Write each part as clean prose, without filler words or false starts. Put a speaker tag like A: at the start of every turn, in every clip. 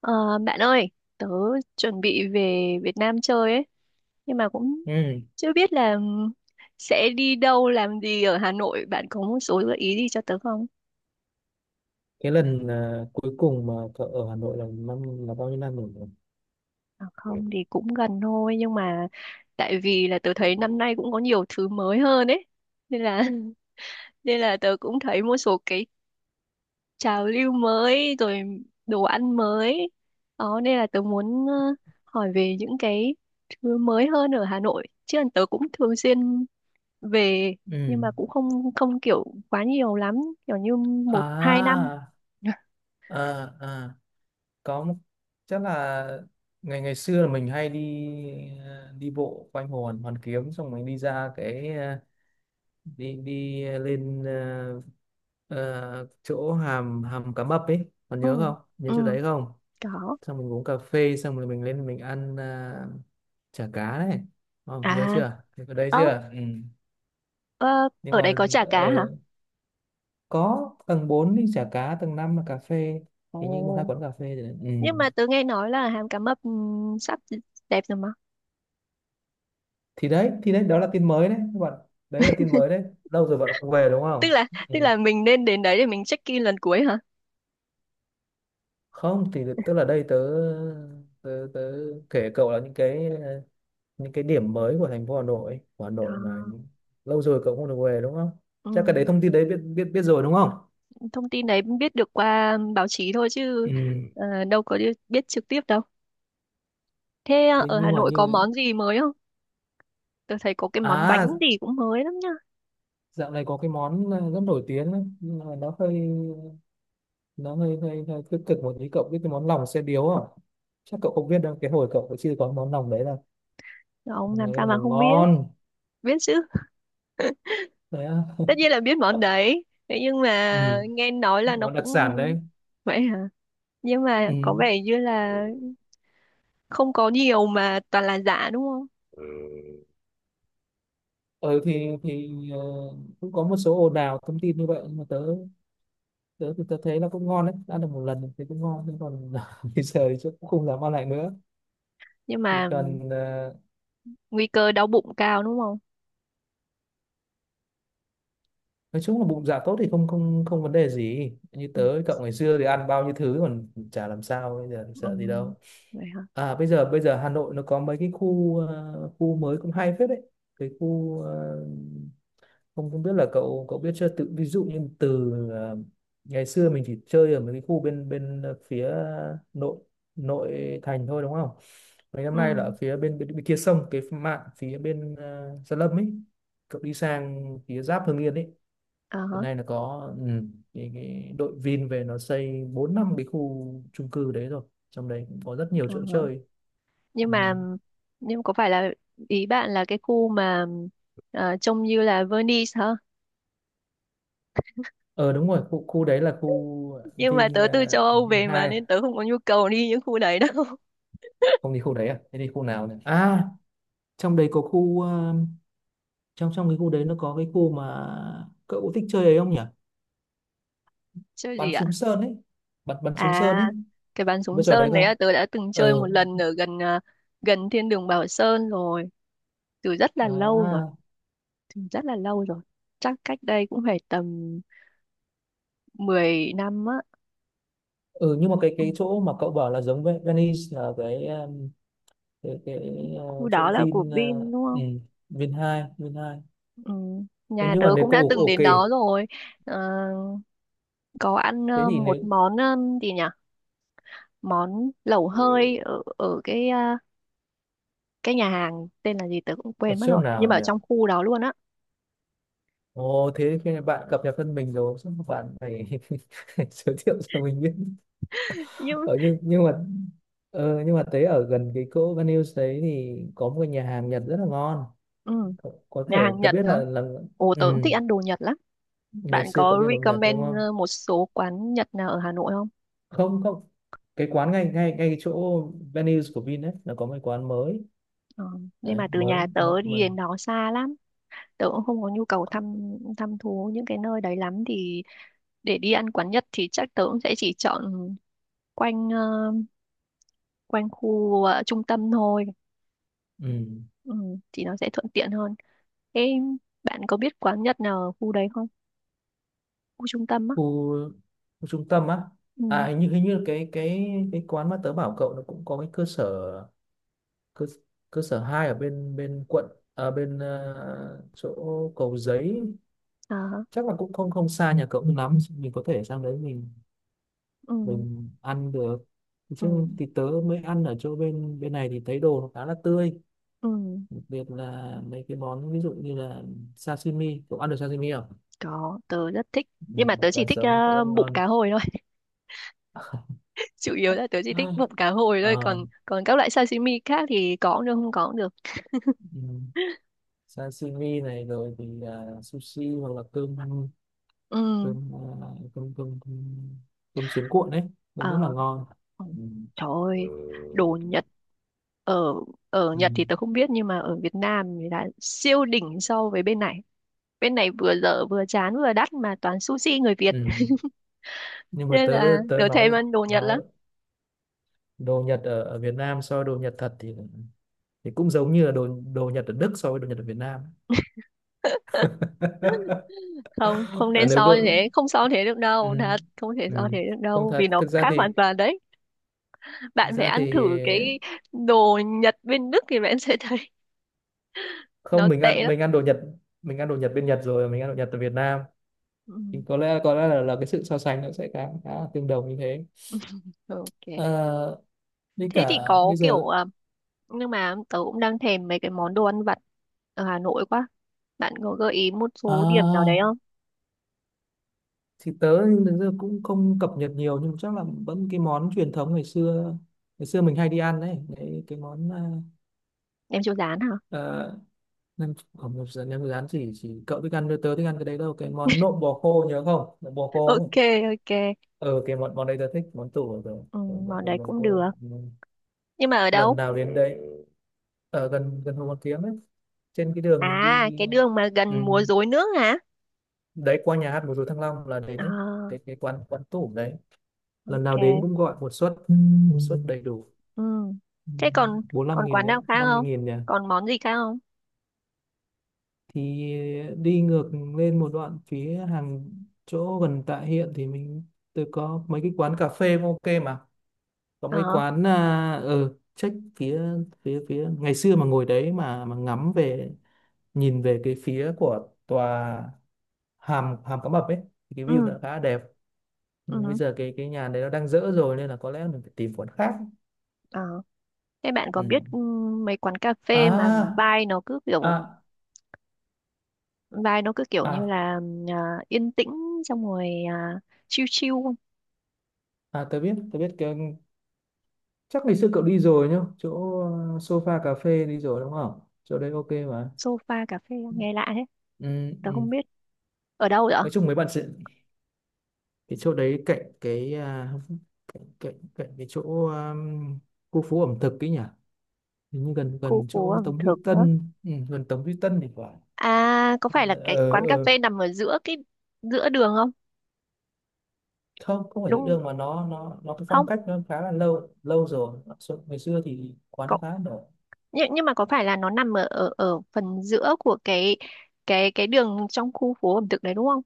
A: Ờ, Bạn ơi, tớ chuẩn bị về Việt Nam chơi ấy, nhưng mà cũng
B: Ừ.
A: chưa biết là sẽ đi đâu làm gì ở Hà Nội. Bạn có một số gợi ý gì cho tớ không?
B: Cái lần cuối cùng mà cậu ở Hà Nội là năm là bao nhiêu năm rồi?
A: À,
B: Ừ,
A: không thì cũng gần thôi, nhưng mà tại vì là tớ
B: ừ,
A: thấy
B: ừ.
A: năm nay cũng có nhiều thứ mới hơn ấy, nên là Ừ. Nên là tớ cũng thấy một số cái trào lưu mới rồi, đồ ăn mới. Đó, nên là tớ muốn hỏi về những cái thứ mới hơn ở Hà Nội. Chứ tớ cũng thường xuyên về, nhưng
B: Ừ.
A: mà cũng không không kiểu quá nhiều lắm, kiểu như một hai năm.
B: À, à, à, có một- chắc là ngày ngày xưa là mình hay đi đi bộ quanh hồ Hoàn Hoàn Kiếm, xong mình đi ra cái đi đi lên chỗ hàm hàm cá mập ấy, còn
A: Ừ,
B: nhớ chỗ
A: ừ,
B: đấy không,
A: có.
B: xong mình uống cà phê xong rồi mình lên mình ăn chả cá đấy, không nhớ
A: À,
B: chưa Nhớ ở đấy
A: ớ,
B: chưa, ừ.
A: ờ,
B: Nhưng
A: ở
B: mà
A: đây có chả cá hả?
B: ờ, có tầng 4 thì chả cá, tầng 5 là cà phê, hình như một hai
A: Ồ,
B: quán cà phê rồi đấy. Ừ.
A: nhưng mà tớ nghe nói là hàm cá mập sắp đẹp rồi mà.
B: Thì đấy, đó là tin mới đấy các bạn, đấy là tin mới đấy, lâu rồi bạn không về đúng không?
A: tức là tức
B: Ừ.
A: là mình nên đến đấy để mình check in lần cuối hả?
B: Không thì tức là đây tớ tớ, tớ kể cậu là những cái những cái điểm mới của thành phố Hà Nội,
A: À,
B: Mà lâu rồi cậu không được về đúng không?
A: ừ.
B: Chắc cái đấy thông tin đấy biết biết biết rồi đúng không?
A: Thông tin đấy biết được qua báo chí thôi chứ
B: Ừ.
A: đâu có biết trực tiếp đâu. Thế
B: Thế
A: ở Hà
B: nhưng mà
A: Nội có
B: như
A: món gì mới không? Tôi thấy có cái món bánh
B: à,
A: gì cũng mới lắm.
B: dạo này có cái món rất nổi tiếng đấy, nhưng mà nó hơi hơi tích cực một tí, cậu biết cái món lòng xe điếu à? Chắc cậu không biết đâu, cái hồi cậu chưa có món lòng đấy, là
A: Không,
B: món
A: làm
B: đấy
A: sao
B: là
A: mà
B: món
A: không biết.
B: ngon
A: Biết chứ.
B: đấy á.
A: Tất nhiên là biết món đấy. Thế nhưng mà
B: Ừ.
A: nghe nói là nó
B: Nó đặc
A: cũng
B: sản đấy.
A: vậy hả? Nhưng mà
B: Ừ.
A: có vẻ như là không có nhiều mà toàn là giả đúng không?
B: ừ thì thì ờ, Cũng có một số ồn ào thông tin như vậy, nhưng mà tớ tớ thì tớ thấy là cũng ngon đấy, ăn được một lần thì cũng ngon, nhưng còn bây giờ thì chắc cũng không dám ăn lại nữa.
A: Nhưng
B: thì
A: mà
B: cần ờ,
A: nguy cơ đau bụng cao đúng không?
B: nói chung là bụng dạ tốt thì không không không vấn đề gì, như
A: Ừ.
B: tớ với cậu ngày xưa thì ăn bao nhiêu thứ còn chả làm sao, bây giờ
A: Ừ.
B: sợ gì đâu.
A: Vậy hả?
B: À, bây giờ Hà Nội nó có mấy cái khu khu mới cũng hay phết đấy. Cái khu không không biết là cậu cậu biết chưa, tự ví dụ như từ ngày xưa mình chỉ chơi ở mấy cái khu bên bên phía nội, thành thôi đúng không? Mấy năm
A: Ừ.
B: nay là ở phía bên kia sông, cái mạn phía bên Gia Lâm ấy, cậu đi sang phía giáp Hưng Yên ấy.
A: Ờ hả,
B: Hiện nay là có ừ, cái đội Vin về nó xây 4 năm cái khu chung cư đấy rồi, trong đấy cũng có rất nhiều
A: ờ
B: chỗ
A: hả.
B: chơi.
A: Nhưng
B: Ừ.
A: mà nhưng có phải là ý bạn là cái khu mà trông như là Venice hả?
B: Ờ đúng rồi, khu khu đấy là khu
A: Nhưng mà
B: Vin
A: tớ từ châu Âu
B: Vin
A: về mà,
B: hai.
A: nên tớ không có nhu cầu đi những khu đấy đâu.
B: Không đi khu đấy à? Thế đi khu nào nhỉ? À trong đấy có khu trong trong cái khu đấy nó có cái khu mà cậu thích chơi ấy, không nhỉ?
A: Chơi gì
B: Bắn
A: ạ?
B: súng sơn ấy, bắn bắn súng sơn
A: À,
B: ấy,
A: cái bắn súng
B: trò đấy
A: sơn đấy
B: không?
A: là tớ đã từng chơi một
B: Ừ.
A: lần ở gần, gần thiên đường Bảo Sơn rồi, từ rất là lâu rồi,
B: À.
A: từ rất là lâu rồi. Chắc cách đây cũng phải tầm 10 năm á.
B: Ừ. Nhưng mà
A: Ừ,
B: cái chỗ mà cậu bảo là giống với Venice là cái cái cái ờ,
A: khu
B: chỗ
A: đó là của
B: Vin
A: Vin đúng
B: ừ,
A: không?
B: Vin Hai,
A: Ừ,
B: Ừ,
A: nhà
B: nhưng
A: tớ
B: mà nếu
A: cũng
B: cậu
A: đã từng
B: ok
A: đến đó
B: ok.
A: rồi. Ờ, có ăn
B: Thế thì
A: một
B: nếu
A: món gì nhỉ? Món lẩu hơi
B: ừ,
A: ở ở cái, cái nhà hàng tên là gì tớ cũng
B: ở
A: quên mất
B: chỗ
A: rồi, nhưng
B: nào
A: mà ở
B: nhỉ?
A: trong khu đó luôn á.
B: Ồ thế khi bạn cập nhật thân mình rồi chắc bạn phải giới thiệu cho mình biết.
A: Nhưng
B: Ở nhưng mà ờ, Nhưng mà thấy ở gần cái chỗ Van đấy thì có một cái nhà hàng Nhật rất là ngon,
A: ừ,
B: cậu có
A: Nhà
B: thể,
A: hàng
B: tớ
A: Nhật
B: biết
A: hả?
B: là
A: Ồ,
B: ừ,
A: tớ cũng thích ăn đồ Nhật lắm.
B: ngày
A: Bạn
B: xưa cậu
A: có
B: đi ăn đồ Nhật
A: recommend
B: đúng không?
A: một số quán Nhật nào ở Hà Nội không?
B: Không, cái quán ngay ngay ngay cái chỗ venues của Vin ấy, nó có một cái quán mới,
A: Ờ, nhưng
B: đấy,
A: mà từ
B: mới
A: nhà
B: mới,
A: tớ đi
B: mới.
A: đến đó xa lắm. Tớ cũng không có nhu cầu thăm thăm thú những cái nơi đấy lắm, thì để đi ăn quán Nhật thì chắc tớ cũng sẽ chỉ chọn quanh ờ, quanh khu trung tâm thôi.
B: Ừ.
A: Ừ, thì nó sẽ thuận tiện hơn. Ê, bạn có biết quán Nhật nào ở khu đấy không? Khu trung tâm á?
B: Khu, Khu trung tâm á.
A: Ừ.
B: À hình như cái quán mà tớ bảo cậu, nó cũng có cái cơ sở, cơ cơ sở hai ở bên bên quận à, bên chỗ Cầu Giấy,
A: À,
B: chắc là cũng không không xa nhà cậu lắm, mình có thể sang đấy mình
A: ừ.
B: ăn được.
A: Ừ.
B: Chứ thì tớ mới ăn ở chỗ bên bên này thì thấy đồ nó khá là tươi,
A: Ừ.
B: đặc biệt là mấy cái món ví dụ như là sashimi, cậu ăn được sashimi không?
A: Có, tớ rất thích.
B: Ừ,
A: Nhưng mà tớ chỉ
B: là
A: thích
B: giống rất
A: bụng
B: ngon.
A: cá hồi thôi. Chủ yếu là tớ chỉ thích
B: À.
A: bụng cá hồi thôi.
B: Ờ,
A: Còn còn các loại sashimi khác thì có cũng được, không có cũng được.
B: ừ, sashimi này rồi thì à, sushi hoặc là cơm ăn,
A: Ừ.
B: cơm à, cơm, cơm sướng cuộn đấy, nó rất là
A: Ờ.
B: ngon.
A: Ừ.
B: Ừ.
A: Trời
B: Ừ.
A: ơi, đồ Nhật. Ở ở
B: Ừ.
A: Nhật thì tớ không biết, nhưng mà ở Việt Nam thì là siêu đỉnh so với bên này. Bên này vừa dở vừa chán vừa đắt mà toàn sushi người Việt.
B: Ừ. Nhưng mà
A: Nên
B: tớ
A: là
B: tớ
A: tớ thèm ăn đồ Nhật lắm.
B: nói đồ Nhật ở, ở Việt Nam so với đồ Nhật thật thì cũng giống như là đồ đồ Nhật ở Đức so với đồ Nhật ở Việt Nam.
A: Không, không
B: À,
A: nên
B: nếu
A: so
B: cậu
A: như thế, không so thế được đâu, thật
B: ừ.
A: không thể so thế
B: Ừ.
A: được
B: Không
A: đâu, vì
B: thật,
A: nó cũng khác hoàn toàn đấy.
B: thực
A: Bạn phải
B: ra thì
A: ăn thử cái đồ Nhật bên Đức thì bạn sẽ thấy nó
B: không, mình
A: tệ
B: ăn
A: lắm.
B: mình ăn đồ Nhật bên Nhật rồi, mình ăn đồ Nhật ở Việt Nam
A: Ừ.
B: thì có lẽ là cái sự so sánh nó sẽ khá khá là tương đồng như thế.
A: Ok,
B: Ờ, với
A: thế thì
B: cả
A: có
B: bây
A: kiểu
B: giờ
A: à, nhưng mà tớ cũng đang thèm mấy cái món đồ ăn vặt ở Hà Nội quá. Bạn có gợi ý một số điểm nào đấy
B: à,
A: không?
B: thì tớ thực ra cũng không cập nhật nhiều, nhưng chắc là vẫn cái món truyền thống ngày xưa, mình hay đi ăn đấy, đấy cái món
A: Em chưa dán hả?
B: uh, nem không nhập rán, nem rán chỉ cậu thích ăn, tớ thích ăn cái đấy đâu, cái món nộm bò khô, nhớ không, nộm bò khô ấy.
A: Ok, ok.
B: Ờ cái món món đấy tớ thích, món tủ rồi.
A: Ừ, món đấy
B: Bò
A: cũng được,
B: khô,
A: nhưng mà ở
B: lần
A: đâu?
B: nào đến đấy, ở gần gần Hồ Hoàn Kiếm ấy, trên cái đường mình
A: À,
B: đi.
A: cái đường mà
B: Ừ.
A: gần múa rối nước hả?
B: Đấy, qua nhà hát múa rối Thăng Long là đến đấy,
A: À,
B: cái quán quán tủ đấy, lần nào đến
A: ok.
B: cũng gọi một suất, một suất đầy đủ
A: Ừ. Thế còn
B: 45
A: còn
B: nghìn
A: quán
B: đấy,
A: nào khác
B: 50
A: không?
B: nghìn nhỉ?
A: Còn món gì khác không?
B: Thì đi ngược lên một đoạn phía hàng, chỗ gần Tạ Hiện thì mình, tôi có mấy cái quán cà phê cũng ok mà, có mấy cái
A: Ờ,
B: quán à, ở check phía phía phía ngày xưa mà ngồi đấy mà ngắm về, nhìn về cái phía của tòa hàm hàm cá mập ấy, thì cái view nó
A: ừ,
B: khá là đẹp. Nhưng bây
A: ừ,
B: giờ cái nhà đấy nó đang dỡ rồi nên là có lẽ mình phải tìm quán khác.
A: ờ. Thế bạn có
B: Ừ.
A: biết, mấy quán cà phê mà
B: À à
A: vibe nó cứ kiểu như
B: à
A: là à, yên tĩnh, xong rồi chill chill không?
B: à tớ biết, cái, chắc ngày xưa cậu đi rồi nhá, chỗ sofa cà phê đi rồi đúng không, chỗ đấy ok mà.
A: Sofa cà phê nghe lạ thế.
B: Ừ,
A: Tớ
B: ừ.
A: không biết ở đâu vậy?
B: Nói chung mấy bạn sẽ, cái chỗ đấy cạnh cái à, cạnh cạnh cạnh cái chỗ khu phố ẩm thực ấy nhỉ, hình như gần
A: Khu
B: gần
A: phố
B: chỗ
A: ẩm
B: Tống Duy
A: thực nữa.
B: Tân, ừ, gần Tống Duy Tân thì phải.
A: À, có phải là cái
B: ờ
A: quán cà
B: ờ
A: phê nằm ở giữa giữa đường không?
B: Không không phải
A: Đúng
B: tự
A: không?
B: đương, mà nó cái
A: Không.
B: phong cách nó khá là lâu lâu rồi. Ngày xưa thì quán nó
A: Có,
B: khá là nổi.
A: nhưng mà có phải là nó nằm ở ở ở phần giữa của cái đường trong khu phố ẩm thực đấy đúng không?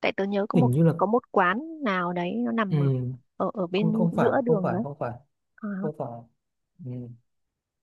A: Tại tớ nhớ
B: Hình như là
A: có một quán nào đấy nó
B: ừ,
A: nằm ở ở, ở
B: không
A: bên giữa đường đấy.
B: không phải,
A: À,
B: không phải ừ.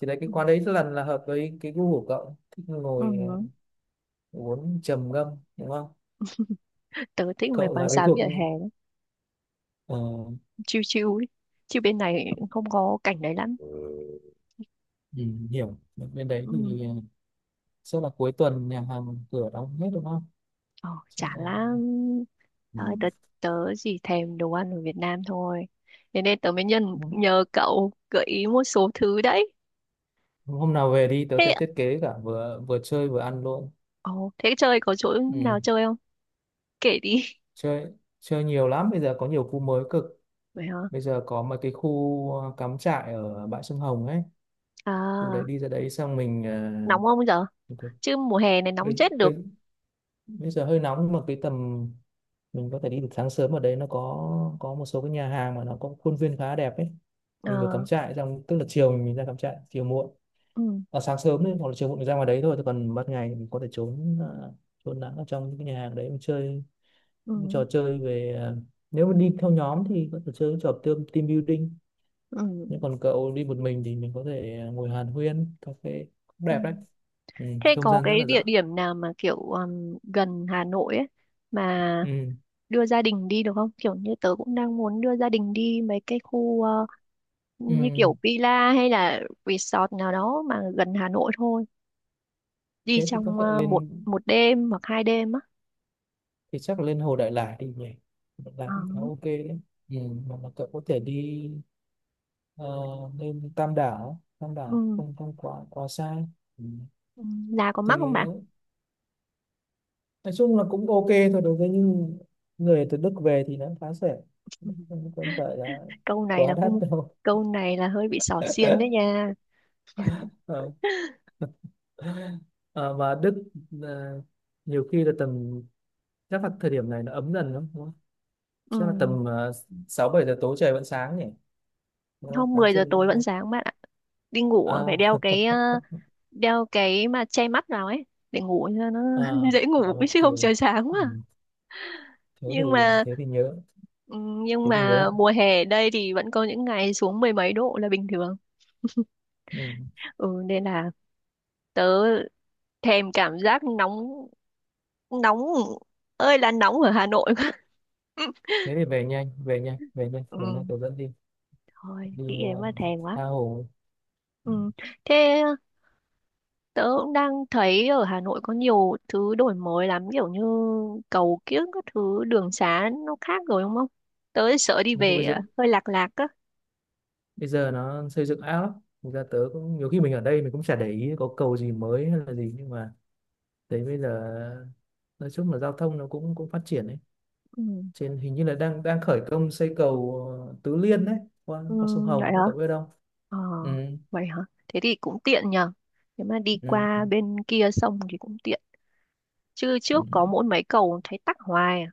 B: Thì đấy, cái
A: ừ.
B: quán đấy lần là hợp với cái gu của cậu, thích
A: Ừ.
B: ngồi uống trầm ngâm đúng không,
A: Tớ thích mấy
B: cậu
A: quán
B: là cái
A: xá
B: thuộc
A: vỉa hè lắm,
B: ờ,
A: chill chill ấy. Chứ bên này không có cảnh đấy lắm.
B: ừ, hiểu. Bên đấy
A: Ừ.
B: thì sẽ là cuối tuần nhà hàng cửa đóng hết đúng không?
A: Ờ,
B: Chứ
A: chả lắm.
B: là- ừ.
A: Thôi, tớ tớ chỉ thèm đồ ăn ở Việt Nam thôi. Thế nên tớ mới nhân
B: hôm
A: nhờ cậu gợi ý một số thứ đấy.
B: Hôm nào về đi, tớ
A: Thế
B: sẽ thiết kế cả, vừa vừa chơi vừa ăn luôn.
A: ồ, thế chơi có chỗ
B: Ừ.
A: nào chơi không? Kể đi.
B: Chơi, nhiều lắm, bây giờ có nhiều khu mới cực,
A: Vậy hả?
B: bây giờ có mấy cái khu cắm trại ở bãi sông Hồng ấy, khu đấy
A: À,
B: đi ra đấy xong mình
A: nóng không giờ?
B: ờ, có-
A: Chứ mùa hè này nóng
B: bây,
A: chết được.
B: bây, bây giờ hơi nóng, nhưng mà cái tầm mình có thể đi được sáng sớm, ở đấy nó có một số cái nhà hàng mà nó có khuôn viên khá đẹp ấy, mình vừa cắm
A: Ờ,
B: trại xong, tức là chiều mình ra cắm trại chiều muộn,
A: ừ,
B: à, sáng sớm đấy hoặc là chiều muộn mình ra ngoài đấy thôi, thì còn ban ngày mình có thể trốn trốn nắng ở trong những cái nhà hàng đấy, mình chơi
A: ừ,
B: trò chơi về à, nếu mà đi theo nhóm thì có thể chơi những trò team building,
A: ừ,
B: nhưng còn cậu đi một mình thì mình có thể à, ngồi hàn huyên cà phê cũng
A: ừ.
B: đẹp đấy, ừ,
A: Thế
B: không
A: có
B: gian rất
A: cái
B: là
A: địa
B: rộng.
A: điểm nào mà kiểu gần Hà Nội ấy mà
B: Ừ.
A: đưa gia đình đi được không? Kiểu như tớ cũng đang muốn đưa gia đình đi mấy cái khu
B: Ừ.
A: như kiểu villa hay là resort nào đó mà gần Hà Nội thôi. Đi
B: Thế thì có
A: trong
B: thể
A: một
B: lên,
A: 1 đêm hoặc 2 đêm á.
B: thì chắc là lên Hồ Đại Lải đi nhỉ, Đại Lải
A: Ờ,
B: cũng khá ok đấy. Ừ. Mà, cậu có thể đi ờ, lên Tam Đảo,
A: ừ,
B: không không quá quá xa. Ừ.
A: ừ. Là có
B: Thì
A: mắc không bạn?
B: nói chung là cũng ok thôi, đối với những người từ Đức về thì nó khá rẻ, không không phải là
A: Câu này là
B: quá đắt
A: không
B: đâu.
A: Câu này là hơi bị xỏ xiên đấy nha.
B: Ờ. Ờ, mà Đức ờ, nhiều khi là tầm, chắc là thời điểm này nó ấm dần lắm đúng không?
A: Ừ.
B: Chắc là tầm sáu bảy giờ tối trời vẫn sáng nhỉ, đúng không?
A: Hôm
B: Sáng
A: 10 giờ
B: trưng
A: tối
B: đúng
A: vẫn
B: không?
A: sáng bạn ạ, đi ngủ à, phải đeo
B: À,
A: cái mà che mắt vào ấy, để ngủ cho nó
B: à,
A: dễ ngủ,
B: ok
A: chứ không trời sáng
B: ừ.
A: quá.
B: Thế thì
A: nhưng mà
B: thế thì nhớ
A: ừ, nhưng
B: thế thì nhớ
A: mà
B: ạ.
A: mùa hè ở đây thì vẫn có những ngày xuống mười mấy độ là bình thường.
B: Ừ.
A: Ừ, nên là tớ thèm cảm giác nóng, nóng ơi là nóng ở Hà Nội quá.
B: Thế thì về nhanh,
A: Ừ.
B: tôi dẫn đi,
A: Thôi,
B: đi
A: nghĩ đến mà thèm quá.
B: tha hồ.
A: Ừ. Thế tớ cũng đang thấy ở Hà Nội có nhiều thứ đổi mới lắm, kiểu như cầu kiếng các thứ, đường xá nó khác rồi đúng không? Tớ sợ đi
B: Chúng tôi bây
A: về
B: giờ,
A: à, hơi lạc lạc á.
B: nó xây dựng ảo lắm, thực ra tớ cũng nhiều khi mình ở đây mình cũng chả để ý có cầu gì mới hay là gì, nhưng mà thấy bây giờ nói chung là giao thông nó cũng cũng phát triển đấy.
A: Ừ.
B: Trên hình như là đang đang khởi công xây cầu Tứ Liên đấy, qua
A: Ừ,
B: qua sông
A: vậy
B: Hồng
A: hả?
B: đấy, cậu biết không?
A: Ờ,
B: Ừ,
A: vậy hả? Thế thì cũng tiện nhờ. Nếu mà đi qua
B: ừ,
A: bên kia sông thì cũng tiện. Chứ
B: ừ.
A: trước có mỗi mấy cầu thấy tắc hoài à.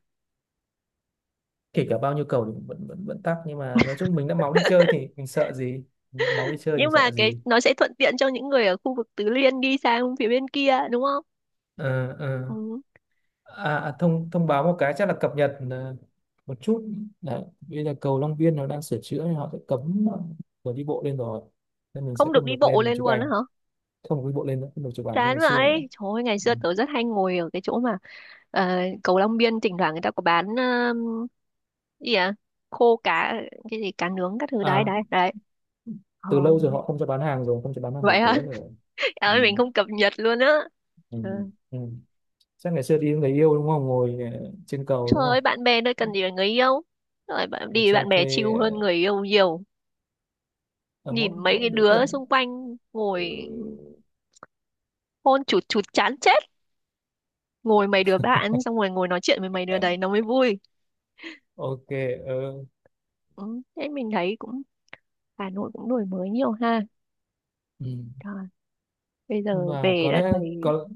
B: Kể cả bao nhiêu cầu thì vẫn vẫn vẫn tắc, nhưng mà nói chung mình đã máu đi chơi thì mình sợ gì. Nhỡ máu đi chơi mình
A: Nhưng mà
B: sợ
A: cái
B: gì.
A: nó sẽ thuận tiện cho những người ở khu vực Tứ Liên đi sang phía bên kia đúng không?
B: ờ ờ
A: Ừ.
B: À, à, thông thông báo một cái, chắc là cập nhật một chút. Đấy bây giờ cầu Long Biên nó đang sửa chữa nên họ sẽ cấm người đi bộ lên rồi, nên mình sẽ
A: Không được
B: không
A: đi
B: được
A: bộ
B: lên mình
A: lên
B: chụp
A: luôn á
B: ảnh.
A: hả?
B: Không được đi bộ lên nữa, không được chụp ảnh như
A: Chán
B: ngày xưa nữa.
A: vậy. Trời ơi, ngày
B: Ừ.
A: xưa tớ rất hay ngồi ở cái chỗ mà cầu Long Biên, thỉnh thoảng người ta có bán, gì à? Khô cá, cái gì cá nướng các thứ đấy
B: À,
A: đấy đấy. Ờ,
B: từ lâu rồi họ không cho bán hàng rồi, không cho bán hàng
A: vậy
B: buổi
A: hả?
B: tối rồi.
A: Trời
B: Ừ.
A: ơi, mình không cập nhật luôn á.
B: Ừ.
A: Trời
B: Ừ. Chắc ngày xưa đi với người yêu đúng không, ngồi trên cầu
A: Trời
B: đúng không?
A: ơi, bạn bè nơi cần gì là người yêu. Rồi bạn
B: Rồi
A: đi với
B: cho
A: bạn bè chill
B: thuê
A: hơn người yêu nhiều.
B: ở mỗi
A: Nhìn mấy cái
B: mỗi đối
A: đứa
B: tượng.
A: xung quanh
B: Ừ.
A: ngồi hôn chụt chụt chán chết. Ngồi mấy đứa bạn xong rồi ngồi nói chuyện với mấy đứa đấy nó mới vui.
B: Ok. Ờ.
A: Ừ, thế mình thấy cũng Hà Nội cũng đổi mới nhiều ha.
B: Ừ.
A: Trời, bây
B: Nhưng
A: giờ
B: mà
A: về
B: có
A: đã
B: lẽ,
A: thấy.
B: có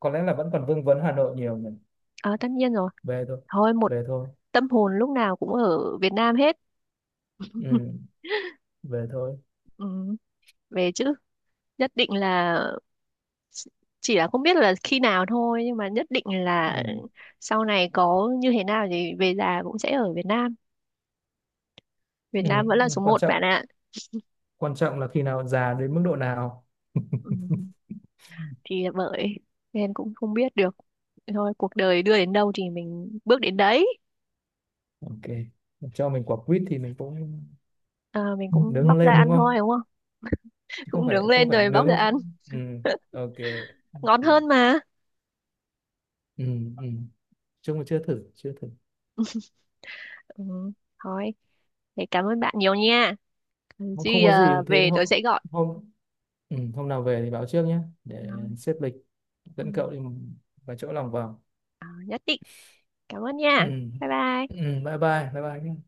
B: có lẽ là vẫn còn vương vấn Hà Nội nhiều nhỉ.
A: À, tất nhiên rồi,
B: Về thôi,
A: thôi một
B: về thôi
A: tâm hồn lúc nào cũng ở Việt Nam hết.
B: ừ, về thôi.
A: Ừ, về chứ, nhất định là, chỉ là không biết là khi nào thôi, nhưng mà nhất định là
B: Ừ.
A: sau này có như thế nào thì về già cũng sẽ ở Việt Nam. Việt
B: Ừ.
A: Nam vẫn là
B: Ừ.
A: số
B: Quan
A: một
B: trọng,
A: bạn ạ.
B: là khi nào già đến mức độ nào.
A: Ừ, thì là bởi nên cũng không biết được, thôi cuộc đời đưa đến đâu thì mình bước đến đấy.
B: Ok, cho mình quả quýt thì mình cũng
A: À, mình
B: nướng
A: cũng
B: nó
A: bóc ra
B: lên đúng
A: ăn thôi
B: không,
A: đúng không?
B: chứ không
A: Cũng
B: phải,
A: nướng lên rồi bóc ra
B: nướng.
A: ăn
B: Ừ. Ok.
A: ngon
B: Thì-
A: hơn mà.
B: ừ. Ừ. Chung là chưa thử,
A: Ừ, thôi, thế cảm ơn bạn nhiều nha. Cần
B: không,
A: gì
B: có gì. Thế
A: về tôi
B: hôm,
A: sẽ gọi.
B: hôm ừ, hôm nào về thì báo trước nhé để
A: Rồi,
B: xếp lịch
A: ừ,
B: dẫn cậu đi vài chỗ lòng vòng.
A: ờ, nhất định. Cảm ơn
B: Ừ.
A: nha. Bye
B: Ừ.
A: bye.
B: Bye bye, nhé.